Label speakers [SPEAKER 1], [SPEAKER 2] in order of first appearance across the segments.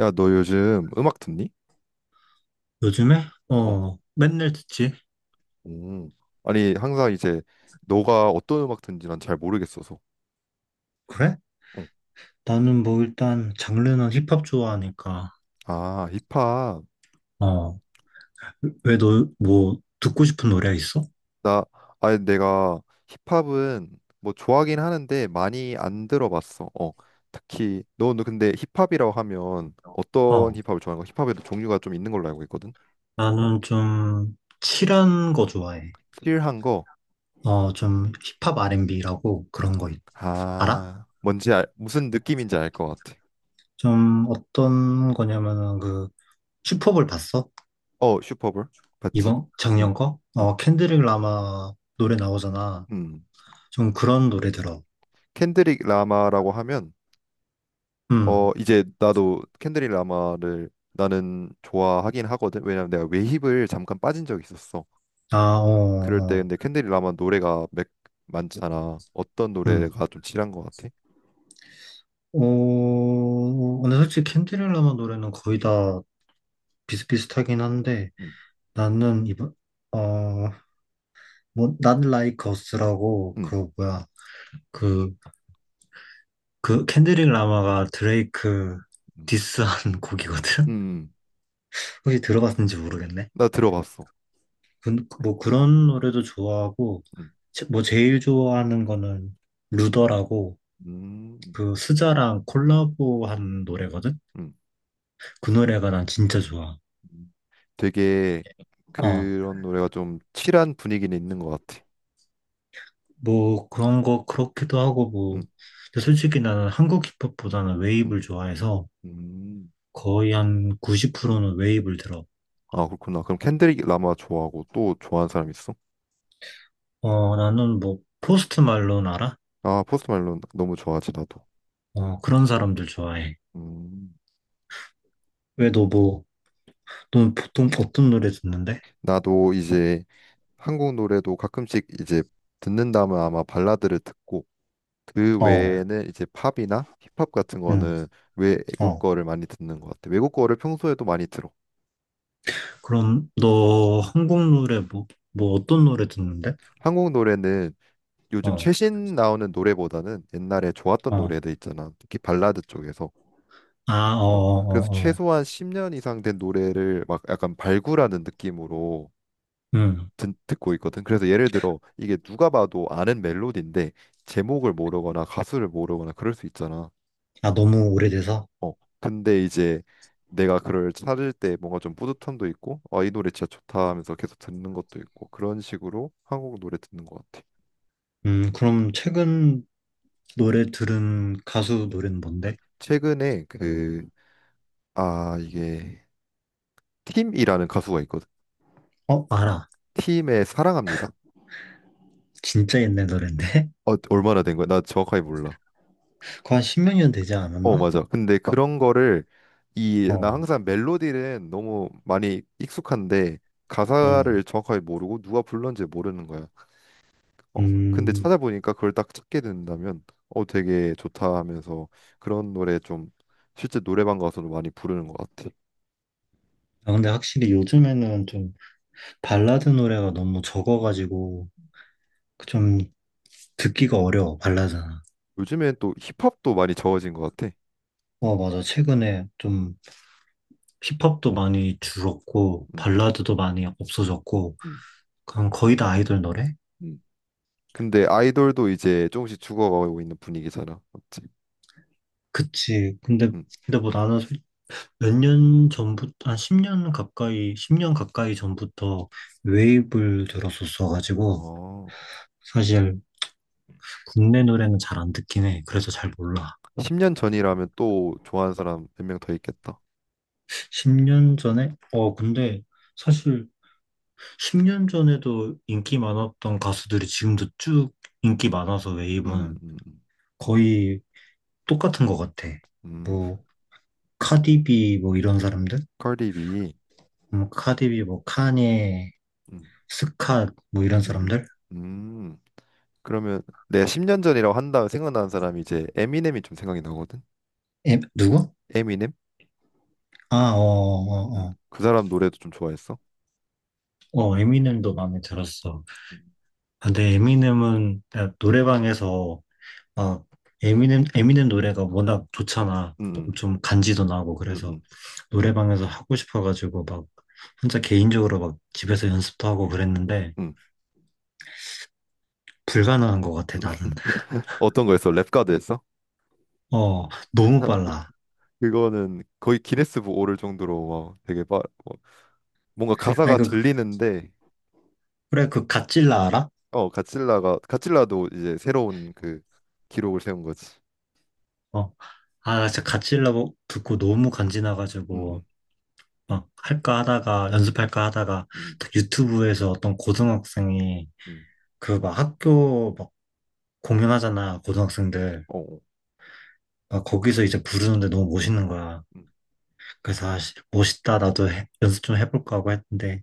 [SPEAKER 1] 야, 너 요즘 음악 듣니?
[SPEAKER 2] 요즘에?
[SPEAKER 1] 어,
[SPEAKER 2] 어, 맨날 듣지.
[SPEAKER 1] 음. 아니, 항상 이제 너가 어떤 음악 듣는지 난 잘 모르겠어서.
[SPEAKER 2] 그래?
[SPEAKER 1] 응.
[SPEAKER 2] 나는 뭐 일단 장르는 힙합 좋아하니까.
[SPEAKER 1] 아, 힙합.
[SPEAKER 2] 어, 왜 너 뭐 듣고 싶은 노래 있어?
[SPEAKER 1] 나, 아니, 내가 힙합은 뭐 좋아하긴 하는데 많이 안 들어봤어. 어, 특히 너는 근데 힙합이라고 하면 어떤
[SPEAKER 2] 어,
[SPEAKER 1] 힙합을 좋아하는 거? 힙합에도 종류가 좀 있는 걸로 알고 있거든.
[SPEAKER 2] 나는 좀 칠한 거 좋아해.
[SPEAKER 1] 킬한 거.
[SPEAKER 2] 어, 좀 힙합 R&B라고 그런 거 있- 알아?
[SPEAKER 1] 아, 뭔지 알, 무슨 느낌인지 알 것 같아.
[SPEAKER 2] 좀 어떤 거냐면은 그 슈퍼볼 봤어?
[SPEAKER 1] 어, 슈퍼볼 봤지?
[SPEAKER 2] 이번
[SPEAKER 1] 응
[SPEAKER 2] 작년 거?
[SPEAKER 1] 응
[SPEAKER 2] 어, 켄드릭 라마 노래 나오잖아.
[SPEAKER 1] 음.
[SPEAKER 2] 좀 그런 노래 들어.
[SPEAKER 1] 켄드릭 라마라고 하면 어
[SPEAKER 2] 음.
[SPEAKER 1] 이제 나도 캔드릭 라마를 나는 좋아하긴 하거든. 왜냐면 내가 외힙을 잠깐 빠진 적이 있었어.
[SPEAKER 2] 아, 어,
[SPEAKER 1] 그럴 때
[SPEAKER 2] 어.
[SPEAKER 1] 근데 캔드릭 라마 노래가 맥 많잖아. 어떤
[SPEAKER 2] 음.
[SPEAKER 1] 노래가 좀 칠한 것 같아?
[SPEAKER 2] 어, 근데 솔직히 캔디렐라마 노래는 거의 다 비슷비슷하긴 한데,
[SPEAKER 1] 음,
[SPEAKER 2] 나는 이번, 어, 뭐, Not Like Us라고,
[SPEAKER 1] 음,
[SPEAKER 2] 그, 뭐야, 그, 그 캔디렐라마가 드레이크
[SPEAKER 1] 음,
[SPEAKER 2] 디스한
[SPEAKER 1] 음.
[SPEAKER 2] 곡이거든?
[SPEAKER 1] 음.
[SPEAKER 2] 혹시 들어봤는지 모르겠네.
[SPEAKER 1] 나 들어봤어.
[SPEAKER 2] 그- 뭐 그런 노래도 좋아하고,
[SPEAKER 1] 음,
[SPEAKER 2] 제- 뭐 제일 좋아하는 거는 루더라고,
[SPEAKER 1] 음,
[SPEAKER 2] 그 스자랑 콜라보한 노래거든?
[SPEAKER 1] 음.
[SPEAKER 2] 그 노래가 난 진짜 좋아.
[SPEAKER 1] 음. 되게
[SPEAKER 2] 어.
[SPEAKER 1] 그런 노래가 좀 칠한 분위기는 있는 것 같아.
[SPEAKER 2] 뭐 그런 거 그렇기도 하고 뭐
[SPEAKER 1] 음,
[SPEAKER 2] 근데 솔직히 나는 한국 힙합보다는 웨이브를
[SPEAKER 1] 음,
[SPEAKER 2] 좋아해서
[SPEAKER 1] 음.
[SPEAKER 2] 거의 한 90%는 웨이브를 들어.
[SPEAKER 1] 아 그렇구나. 그럼 캔드릭 라마 좋아하고 또 좋아하는 사람 있어?
[SPEAKER 2] 어 나는 뭐 포스트 말론 알아?
[SPEAKER 1] 아 포스트 말론 너무 좋아하지 나도.
[SPEAKER 2] 어 그런 사람들 좋아해.
[SPEAKER 1] 음.
[SPEAKER 2] 왜 너 뭐 넌 보통 어떤 노래 듣는데?
[SPEAKER 1] 나도 이제 한국 노래도 가끔씩 이제 듣는다면 아마 발라드를 듣고 그
[SPEAKER 2] 어,
[SPEAKER 1] 외에는 이제 팝이나 힙합 같은
[SPEAKER 2] 응,
[SPEAKER 1] 거는 외국
[SPEAKER 2] 어.
[SPEAKER 1] 거를 많이 듣는 것 같아. 외국 거를 평소에도 많이 들어.
[SPEAKER 2] 그럼 너 한국 노래 뭐 뭐 어떤 노래 듣는데?
[SPEAKER 1] 한국 노래는 요즘
[SPEAKER 2] 어,
[SPEAKER 1] 최신 나오는 노래보다는 옛날에 좋았던
[SPEAKER 2] 어,
[SPEAKER 1] 노래들 있잖아. 특히 발라드 쪽에서.
[SPEAKER 2] 아, 어, 어,
[SPEAKER 1] 어, 그래서
[SPEAKER 2] 어, 어.
[SPEAKER 1] 최소한 10년 이상 된 노래를 막 약간 발굴하는 느낌으로
[SPEAKER 2] 음.
[SPEAKER 1] 듣고 있거든. 그래서 예를 들어 이게 누가 봐도 아는 멜로디인데 제목을 모르거나 가수를 모르거나 그럴 수 있잖아.
[SPEAKER 2] 아 너무 오래돼서.
[SPEAKER 1] 어, 근데 이제 내가 그를 찾을 때 뭔가 좀 뿌듯함도 있고, 아, 이 노래 진짜 좋다 하면서 계속 듣는 것도 있고 그런 식으로 한국 노래 듣는 것 같아.
[SPEAKER 2] 그럼 최근 노래 들은 가수 노래는 뭔데?
[SPEAKER 1] 최근에 그, 아, 이게 팀이라는 가수가 있거든.
[SPEAKER 2] 어, 알아.
[SPEAKER 1] 팀의 사랑합니다.
[SPEAKER 2] 진짜 옛날 노랜데?
[SPEAKER 1] 어, 얼마나 된 거야? 나 정확하게 몰라.
[SPEAKER 2] 그거 한 10몇 년 되지
[SPEAKER 1] 어,
[SPEAKER 2] 않았나?
[SPEAKER 1] 맞아. 근데 어, 그런 거를 이 나
[SPEAKER 2] 어,
[SPEAKER 1] 항상 멜로디는 너무 많이 익숙한데
[SPEAKER 2] 응.
[SPEAKER 1] 가사를 정확하게 모르고 누가 불렀는지 모르는 거야. 어, 근데
[SPEAKER 2] 음.
[SPEAKER 1] 찾아보니까 그걸 딱 찾게 된다면 어 되게 좋다 하면서 그런 노래 좀 실제 노래방 가서도 많이 부르는 것 같아.
[SPEAKER 2] 아, 근데 확실히 요즘에는 좀 발라드 노래가 너무 적어가지고 좀 듣기가 어려워, 발라드는.
[SPEAKER 1] 요즘엔 또 힙합도 많이 저어진 것 같아.
[SPEAKER 2] 어, 맞아. 최근에 좀 힙합도 많이 줄었고,
[SPEAKER 1] 음.
[SPEAKER 2] 발라드도 많이 없어졌고,
[SPEAKER 1] 음,
[SPEAKER 2] 그냥 거의 다 아이돌 노래?
[SPEAKER 1] 음. 근데 아이돌도 이제 조금씩 죽어가고 있는 분위기잖아. 맞지?
[SPEAKER 2] 그치. 근데,
[SPEAKER 1] 음.
[SPEAKER 2] 뭐 나는 몇 년 전부터, 한 10년 가까이, 10년 가까이 전부터 웨이브를 들었었어가지고,
[SPEAKER 1] 어,
[SPEAKER 2] 사실 국내 노래는 잘 안 듣긴 해. 그래서 잘 몰라.
[SPEAKER 1] 10년 전이라면 또 좋아하는 사람 몇 명 더 있겠다.
[SPEAKER 2] 10년 전에? 어, 근데 사실 10년 전에도 인기 많았던 가수들이 지금도 쭉 인기 많아서
[SPEAKER 1] 음,
[SPEAKER 2] 웨이브는
[SPEAKER 1] 음,
[SPEAKER 2] 거의 똑같은 것 같아.
[SPEAKER 1] 음.
[SPEAKER 2] 뭐 카디비 뭐 이런 사람들?
[SPEAKER 1] 컬립이.
[SPEAKER 2] 카디비 뭐 카니,
[SPEAKER 1] 음,
[SPEAKER 2] 스캇 뭐 이런
[SPEAKER 1] 음, 음.
[SPEAKER 2] 사람들?
[SPEAKER 1] 음. 그러면 내가 10년 전이라고 한다면 생각나는 사람이 이제 에미넴이 좀 생각이 나거든.
[SPEAKER 2] 에, 누구?
[SPEAKER 1] 에미넴?
[SPEAKER 2] 아, 어, 어,
[SPEAKER 1] 음.
[SPEAKER 2] 어.
[SPEAKER 1] 그 사람 노래도 좀 좋아했어.
[SPEAKER 2] 어, 어, 에미넴도 마음에 들었어.
[SPEAKER 1] 음,
[SPEAKER 2] 근데 에미넴은 그냥 노래방에서 아, 에미넴, 노래가 워낙 좋잖아.
[SPEAKER 1] 음,
[SPEAKER 2] 좀 간지도 나고
[SPEAKER 1] 음,
[SPEAKER 2] 그래서
[SPEAKER 1] 음,
[SPEAKER 2] 노래방에서 하고 싶어가지고 막 혼자 개인적으로 막 집에서 연습도 하고 그랬는데
[SPEAKER 1] 음.
[SPEAKER 2] 불가능한 것
[SPEAKER 1] 음.
[SPEAKER 2] 같아 나는.
[SPEAKER 1] 어떤 거였어? 랩 가드였어?
[SPEAKER 2] 어, 너무 빨라.
[SPEAKER 1] 그거는 거의 기네스북 오를 정도로 막 되게 빠, 뭐 뭔가
[SPEAKER 2] 아니
[SPEAKER 1] 가사가
[SPEAKER 2] 그
[SPEAKER 1] 들리는데
[SPEAKER 2] 그래 그 갓질라 알아?
[SPEAKER 1] 어 가cil라가 가cil라도 이제 새로운 그 기록을 세운 거지.
[SPEAKER 2] 어, 아 진짜 갓질라 뭐 듣고 너무
[SPEAKER 1] 음,
[SPEAKER 2] 간지나가지고 막 할까 하다가
[SPEAKER 1] 음,
[SPEAKER 2] 연습할까 하다가
[SPEAKER 1] 음, 음,
[SPEAKER 2] 딱 유튜브에서 어떤 고등학생이
[SPEAKER 1] 음.
[SPEAKER 2] 그 막 학교 막 공연하잖아 고등학생들.
[SPEAKER 1] 어, 어.
[SPEAKER 2] 아, 거기서 이제 부르는데 너무 멋있는 거야.
[SPEAKER 1] 음.
[SPEAKER 2] 그래서 아, 씨, 멋있다. 나도 해- 연습 좀 해볼까 하고 했는데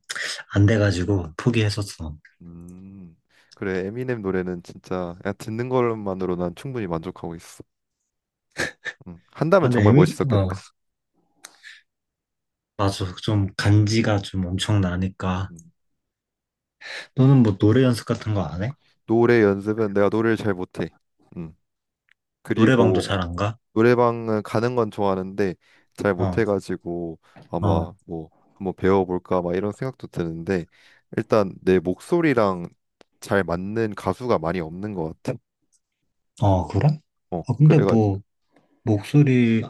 [SPEAKER 2] 안 돼가지고 포기했었어.
[SPEAKER 1] 음, 그래, 에미넴 노래는 진짜 그냥 듣는 것만으로 난 충분히 만족하고 있어.
[SPEAKER 2] 아,
[SPEAKER 1] 한다면
[SPEAKER 2] 근데
[SPEAKER 1] 정말
[SPEAKER 2] 에미, 어,
[SPEAKER 1] 멋있었겠다.
[SPEAKER 2] 맞아. 좀 간지가 좀 엄청 나니까.
[SPEAKER 1] 음,
[SPEAKER 2] 너는 뭐 노래 연습 같은 거 안 해?
[SPEAKER 1] 노래 연습은 내가 노래를 잘 못해. 음,
[SPEAKER 2] 노래방도
[SPEAKER 1] 그리고
[SPEAKER 2] 잘 안 가?
[SPEAKER 1] 노래방은 가는 건 좋아하는데 잘
[SPEAKER 2] 어,
[SPEAKER 1] 못해가지고
[SPEAKER 2] 어,
[SPEAKER 1] 아마 뭐 한번 배워볼까 막 이런 생각도 드는데 일단 내 목소리랑 잘 맞는 가수가 많이 없는 것 같아.
[SPEAKER 2] 어, 그래?
[SPEAKER 1] 어,
[SPEAKER 2] 아, 근데
[SPEAKER 1] 그래가지고
[SPEAKER 2] 뭐 목소리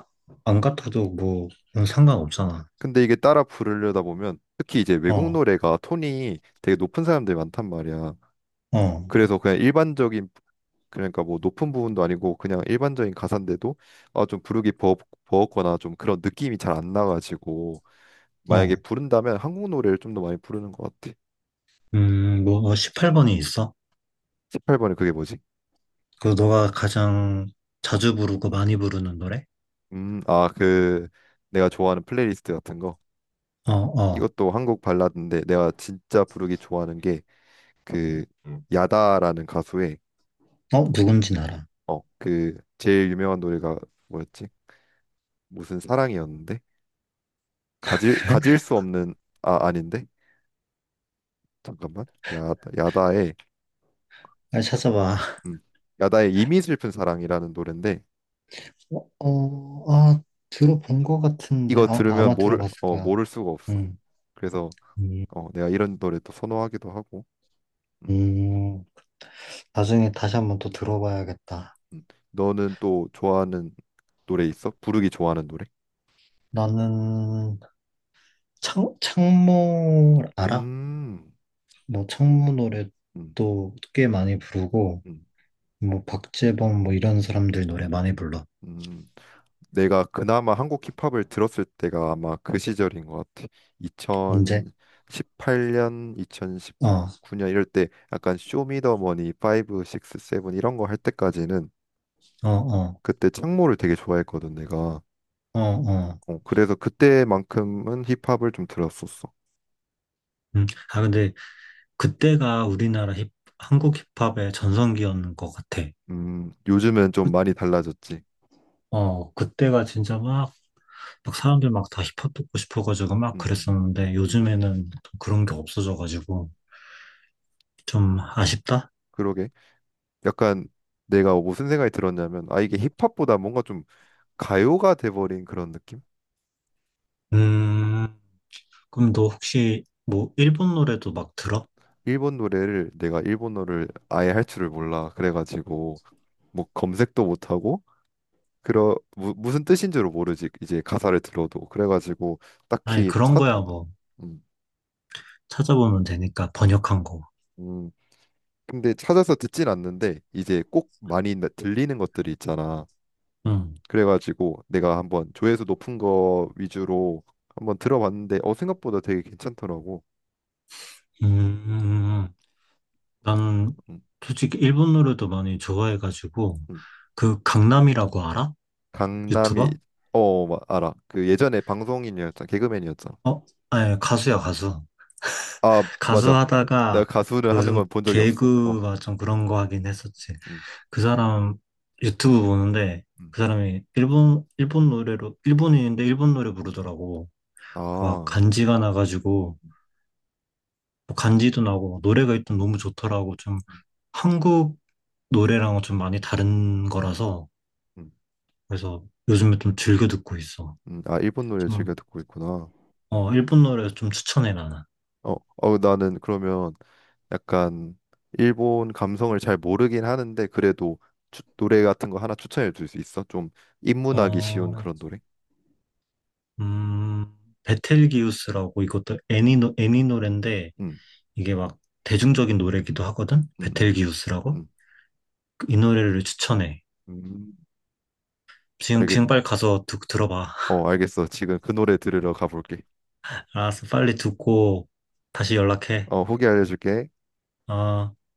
[SPEAKER 2] 안 같아도 뭐 그건 상관없잖아.
[SPEAKER 1] 근데 이게 따라 부르려다 보면 특히 이제 외국
[SPEAKER 2] 어,
[SPEAKER 1] 노래가 톤이 되게 높은 사람들이 많단 말이야.
[SPEAKER 2] 어,
[SPEAKER 1] 그래서 그냥 일반적인 그러니까 뭐 높은 부분도 아니고 그냥 일반적인 가사인데도 아 좀 버겁거나 좀 그런 느낌이 잘 안 나가지고 만약에
[SPEAKER 2] 어.
[SPEAKER 1] 부른다면 한국 노래를 좀 더 많이 부르는 것 같아.
[SPEAKER 2] 뭐 18번이 있어?
[SPEAKER 1] 18번에 그게 뭐지?
[SPEAKER 2] 그 너가 가장 자주 부르고 많이 부르는 노래?
[SPEAKER 1] 아, 그 내가 좋아하는 플레이리스트 같은 거.
[SPEAKER 2] 어, 어.
[SPEAKER 1] 이것도 한국 발라드인데 내가 진짜 부르기 좋아하는 게 그 야다라는 가수의
[SPEAKER 2] 어, 누군진 알아.
[SPEAKER 1] 어, 그 제일 유명한 노래가 뭐였지? 무슨 사랑이었는데? 가질 수 없는 아 아닌데? 잠깐만. 야, 야다의
[SPEAKER 2] 빨리 찾아봐.
[SPEAKER 1] 음, 야다의 이미 슬픈 사랑이라는 노래인데
[SPEAKER 2] 어, 어, 아, 들어본 것 같은데.
[SPEAKER 1] 이거
[SPEAKER 2] 아,
[SPEAKER 1] 들으면
[SPEAKER 2] 아마
[SPEAKER 1] 모를
[SPEAKER 2] 들어봤을
[SPEAKER 1] 어
[SPEAKER 2] 거야.
[SPEAKER 1] 모를 수가 없어.
[SPEAKER 2] 음,
[SPEAKER 1] 그래서
[SPEAKER 2] 음,
[SPEAKER 1] 어 내가 이런 노래 또 선호하기도 하고. 음,
[SPEAKER 2] 음. 나중에 다시 한번 또 들어봐야겠다.
[SPEAKER 1] 음. 너는 또 좋아하는 노래 있어? 부르기 좋아하는 노래?
[SPEAKER 2] 나는 창, 창모 알아?
[SPEAKER 1] 음.
[SPEAKER 2] 뭐 창모
[SPEAKER 1] 음.
[SPEAKER 2] 노래도 꽤 많이 부르고,
[SPEAKER 1] 음.
[SPEAKER 2] 뭐 박재범 뭐 이런 사람들 노래 많이 불러.
[SPEAKER 1] 음. 내가 그나마 한국 힙합을 들었을 때가 아마 그 시절인 것 같아.
[SPEAKER 2] 언제?
[SPEAKER 1] 2018년,
[SPEAKER 2] 어,
[SPEAKER 1] 2019년 이럴 때 약간 쇼미더머니 5, 6, 7 이런 거 할 때까지는
[SPEAKER 2] 어, 어,
[SPEAKER 1] 그때 창모를 되게 좋아했거든, 내가.
[SPEAKER 2] 어, 어.
[SPEAKER 1] 어, 그래서 그때만큼은 힙합을 좀 들었었어.
[SPEAKER 2] 음. 아, 근데 그때가 우리나라 힙, 한국 힙합의 전성기였는 것 같아.
[SPEAKER 1] 요즘은 좀 많이 달라졌지.
[SPEAKER 2] 어, 그때가 진짜 막, 막 사람들 막 다 힙합 듣고 싶어가지고 막
[SPEAKER 1] 음, 음,
[SPEAKER 2] 그랬었는데
[SPEAKER 1] 음.
[SPEAKER 2] 요즘에는 좀 그런 게 없어져가지고 좀 아쉽다?
[SPEAKER 1] 그러게. 약간 내가 무슨 생각이 들었냐면, 아, 이게 힙합보다 뭔가 좀 가요가 돼버린 그런 느낌?
[SPEAKER 2] 음, 그럼 너 혹시 뭐 일본 노래도 막 들어?
[SPEAKER 1] 일본 노래를, 내가 일본어를 아예 할 줄을 몰라. 그래가지고, 뭐 검색도 못하고, 그러, 무슨 뜻인 줄을 모르지. 이제 가사를 들어도. 그래가지고,
[SPEAKER 2] 아니,
[SPEAKER 1] 딱히
[SPEAKER 2] 그런
[SPEAKER 1] 찾,
[SPEAKER 2] 거야 뭐
[SPEAKER 1] 음,
[SPEAKER 2] 찾아보면 되니까 번역한 거.
[SPEAKER 1] 음, 근데 찾아서 듣진 않는데 이제 꼭 많이 들리는 것들이 있잖아.
[SPEAKER 2] 응.
[SPEAKER 1] 그래가지고 내가 한번 조회수 높은 거 위주로 한번 들어봤는데 어 생각보다 되게 괜찮더라고.
[SPEAKER 2] 음, 나는
[SPEAKER 1] 음,
[SPEAKER 2] 솔직히 일본 노래도 많이 좋아해가지고
[SPEAKER 1] 음.
[SPEAKER 2] 그 강남이라고 알아?
[SPEAKER 1] 강남이
[SPEAKER 2] 유튜버?
[SPEAKER 1] 어 알아. 그 예전에 방송인이었잖아. 개그맨이었잖아.
[SPEAKER 2] 어? 아니, 가수야, 가수.
[SPEAKER 1] 아
[SPEAKER 2] 가수
[SPEAKER 1] 맞아. 내가
[SPEAKER 2] 하다가
[SPEAKER 1] 가수를
[SPEAKER 2] 그
[SPEAKER 1] 하는
[SPEAKER 2] 좀
[SPEAKER 1] 건 본 적이 없어. 어.
[SPEAKER 2] 개그가 좀 그런 거 하긴 했었지.
[SPEAKER 1] 음,
[SPEAKER 2] 그 사람 유튜브 보는데
[SPEAKER 1] 음.
[SPEAKER 2] 그 사람이 일본 노래로 일본인인데 일본 노래 부르더라고. 막
[SPEAKER 1] 아.
[SPEAKER 2] 간지가 나가지고 뭐 간지도 나고 막 노래가 일단 너무 좋더라고. 좀 한국 노래랑은 좀 많이 다른 거라서
[SPEAKER 1] 음,
[SPEAKER 2] 그래서 요즘에 좀 즐겨 듣고 있어.
[SPEAKER 1] 아 일본 노래
[SPEAKER 2] 좀
[SPEAKER 1] 즐겨 듣고 있구나.
[SPEAKER 2] 어, 일본 노래 좀 추천해 나는.
[SPEAKER 1] 어, 어, 나는 그러면 약간 일본 감성을 잘 모르긴 하는데 그래도 노래 같은 거 하나 추천해 줄 수 있어? 좀 입문하기 쉬운
[SPEAKER 2] 어,
[SPEAKER 1] 그런 노래?
[SPEAKER 2] 음, 베텔기우스라고 이것도 애니 노 애니 노래인데
[SPEAKER 1] 음,
[SPEAKER 2] 이게 막 대중적인 노래기도 하거든?
[SPEAKER 1] 음, 음,
[SPEAKER 2] 베텔기우스라고?
[SPEAKER 1] 음.
[SPEAKER 2] 이 노래를 추천해.
[SPEAKER 1] 음.
[SPEAKER 2] 지금,
[SPEAKER 1] 알겠,
[SPEAKER 2] 빨리 가서 듣, 들어봐.
[SPEAKER 1] 어, 알겠어. 지금 그 노래 들으러 가볼게.
[SPEAKER 2] 알았어, 빨리 듣고 다시 연락해.
[SPEAKER 1] 어, 후기 알려줄게.
[SPEAKER 2] 어.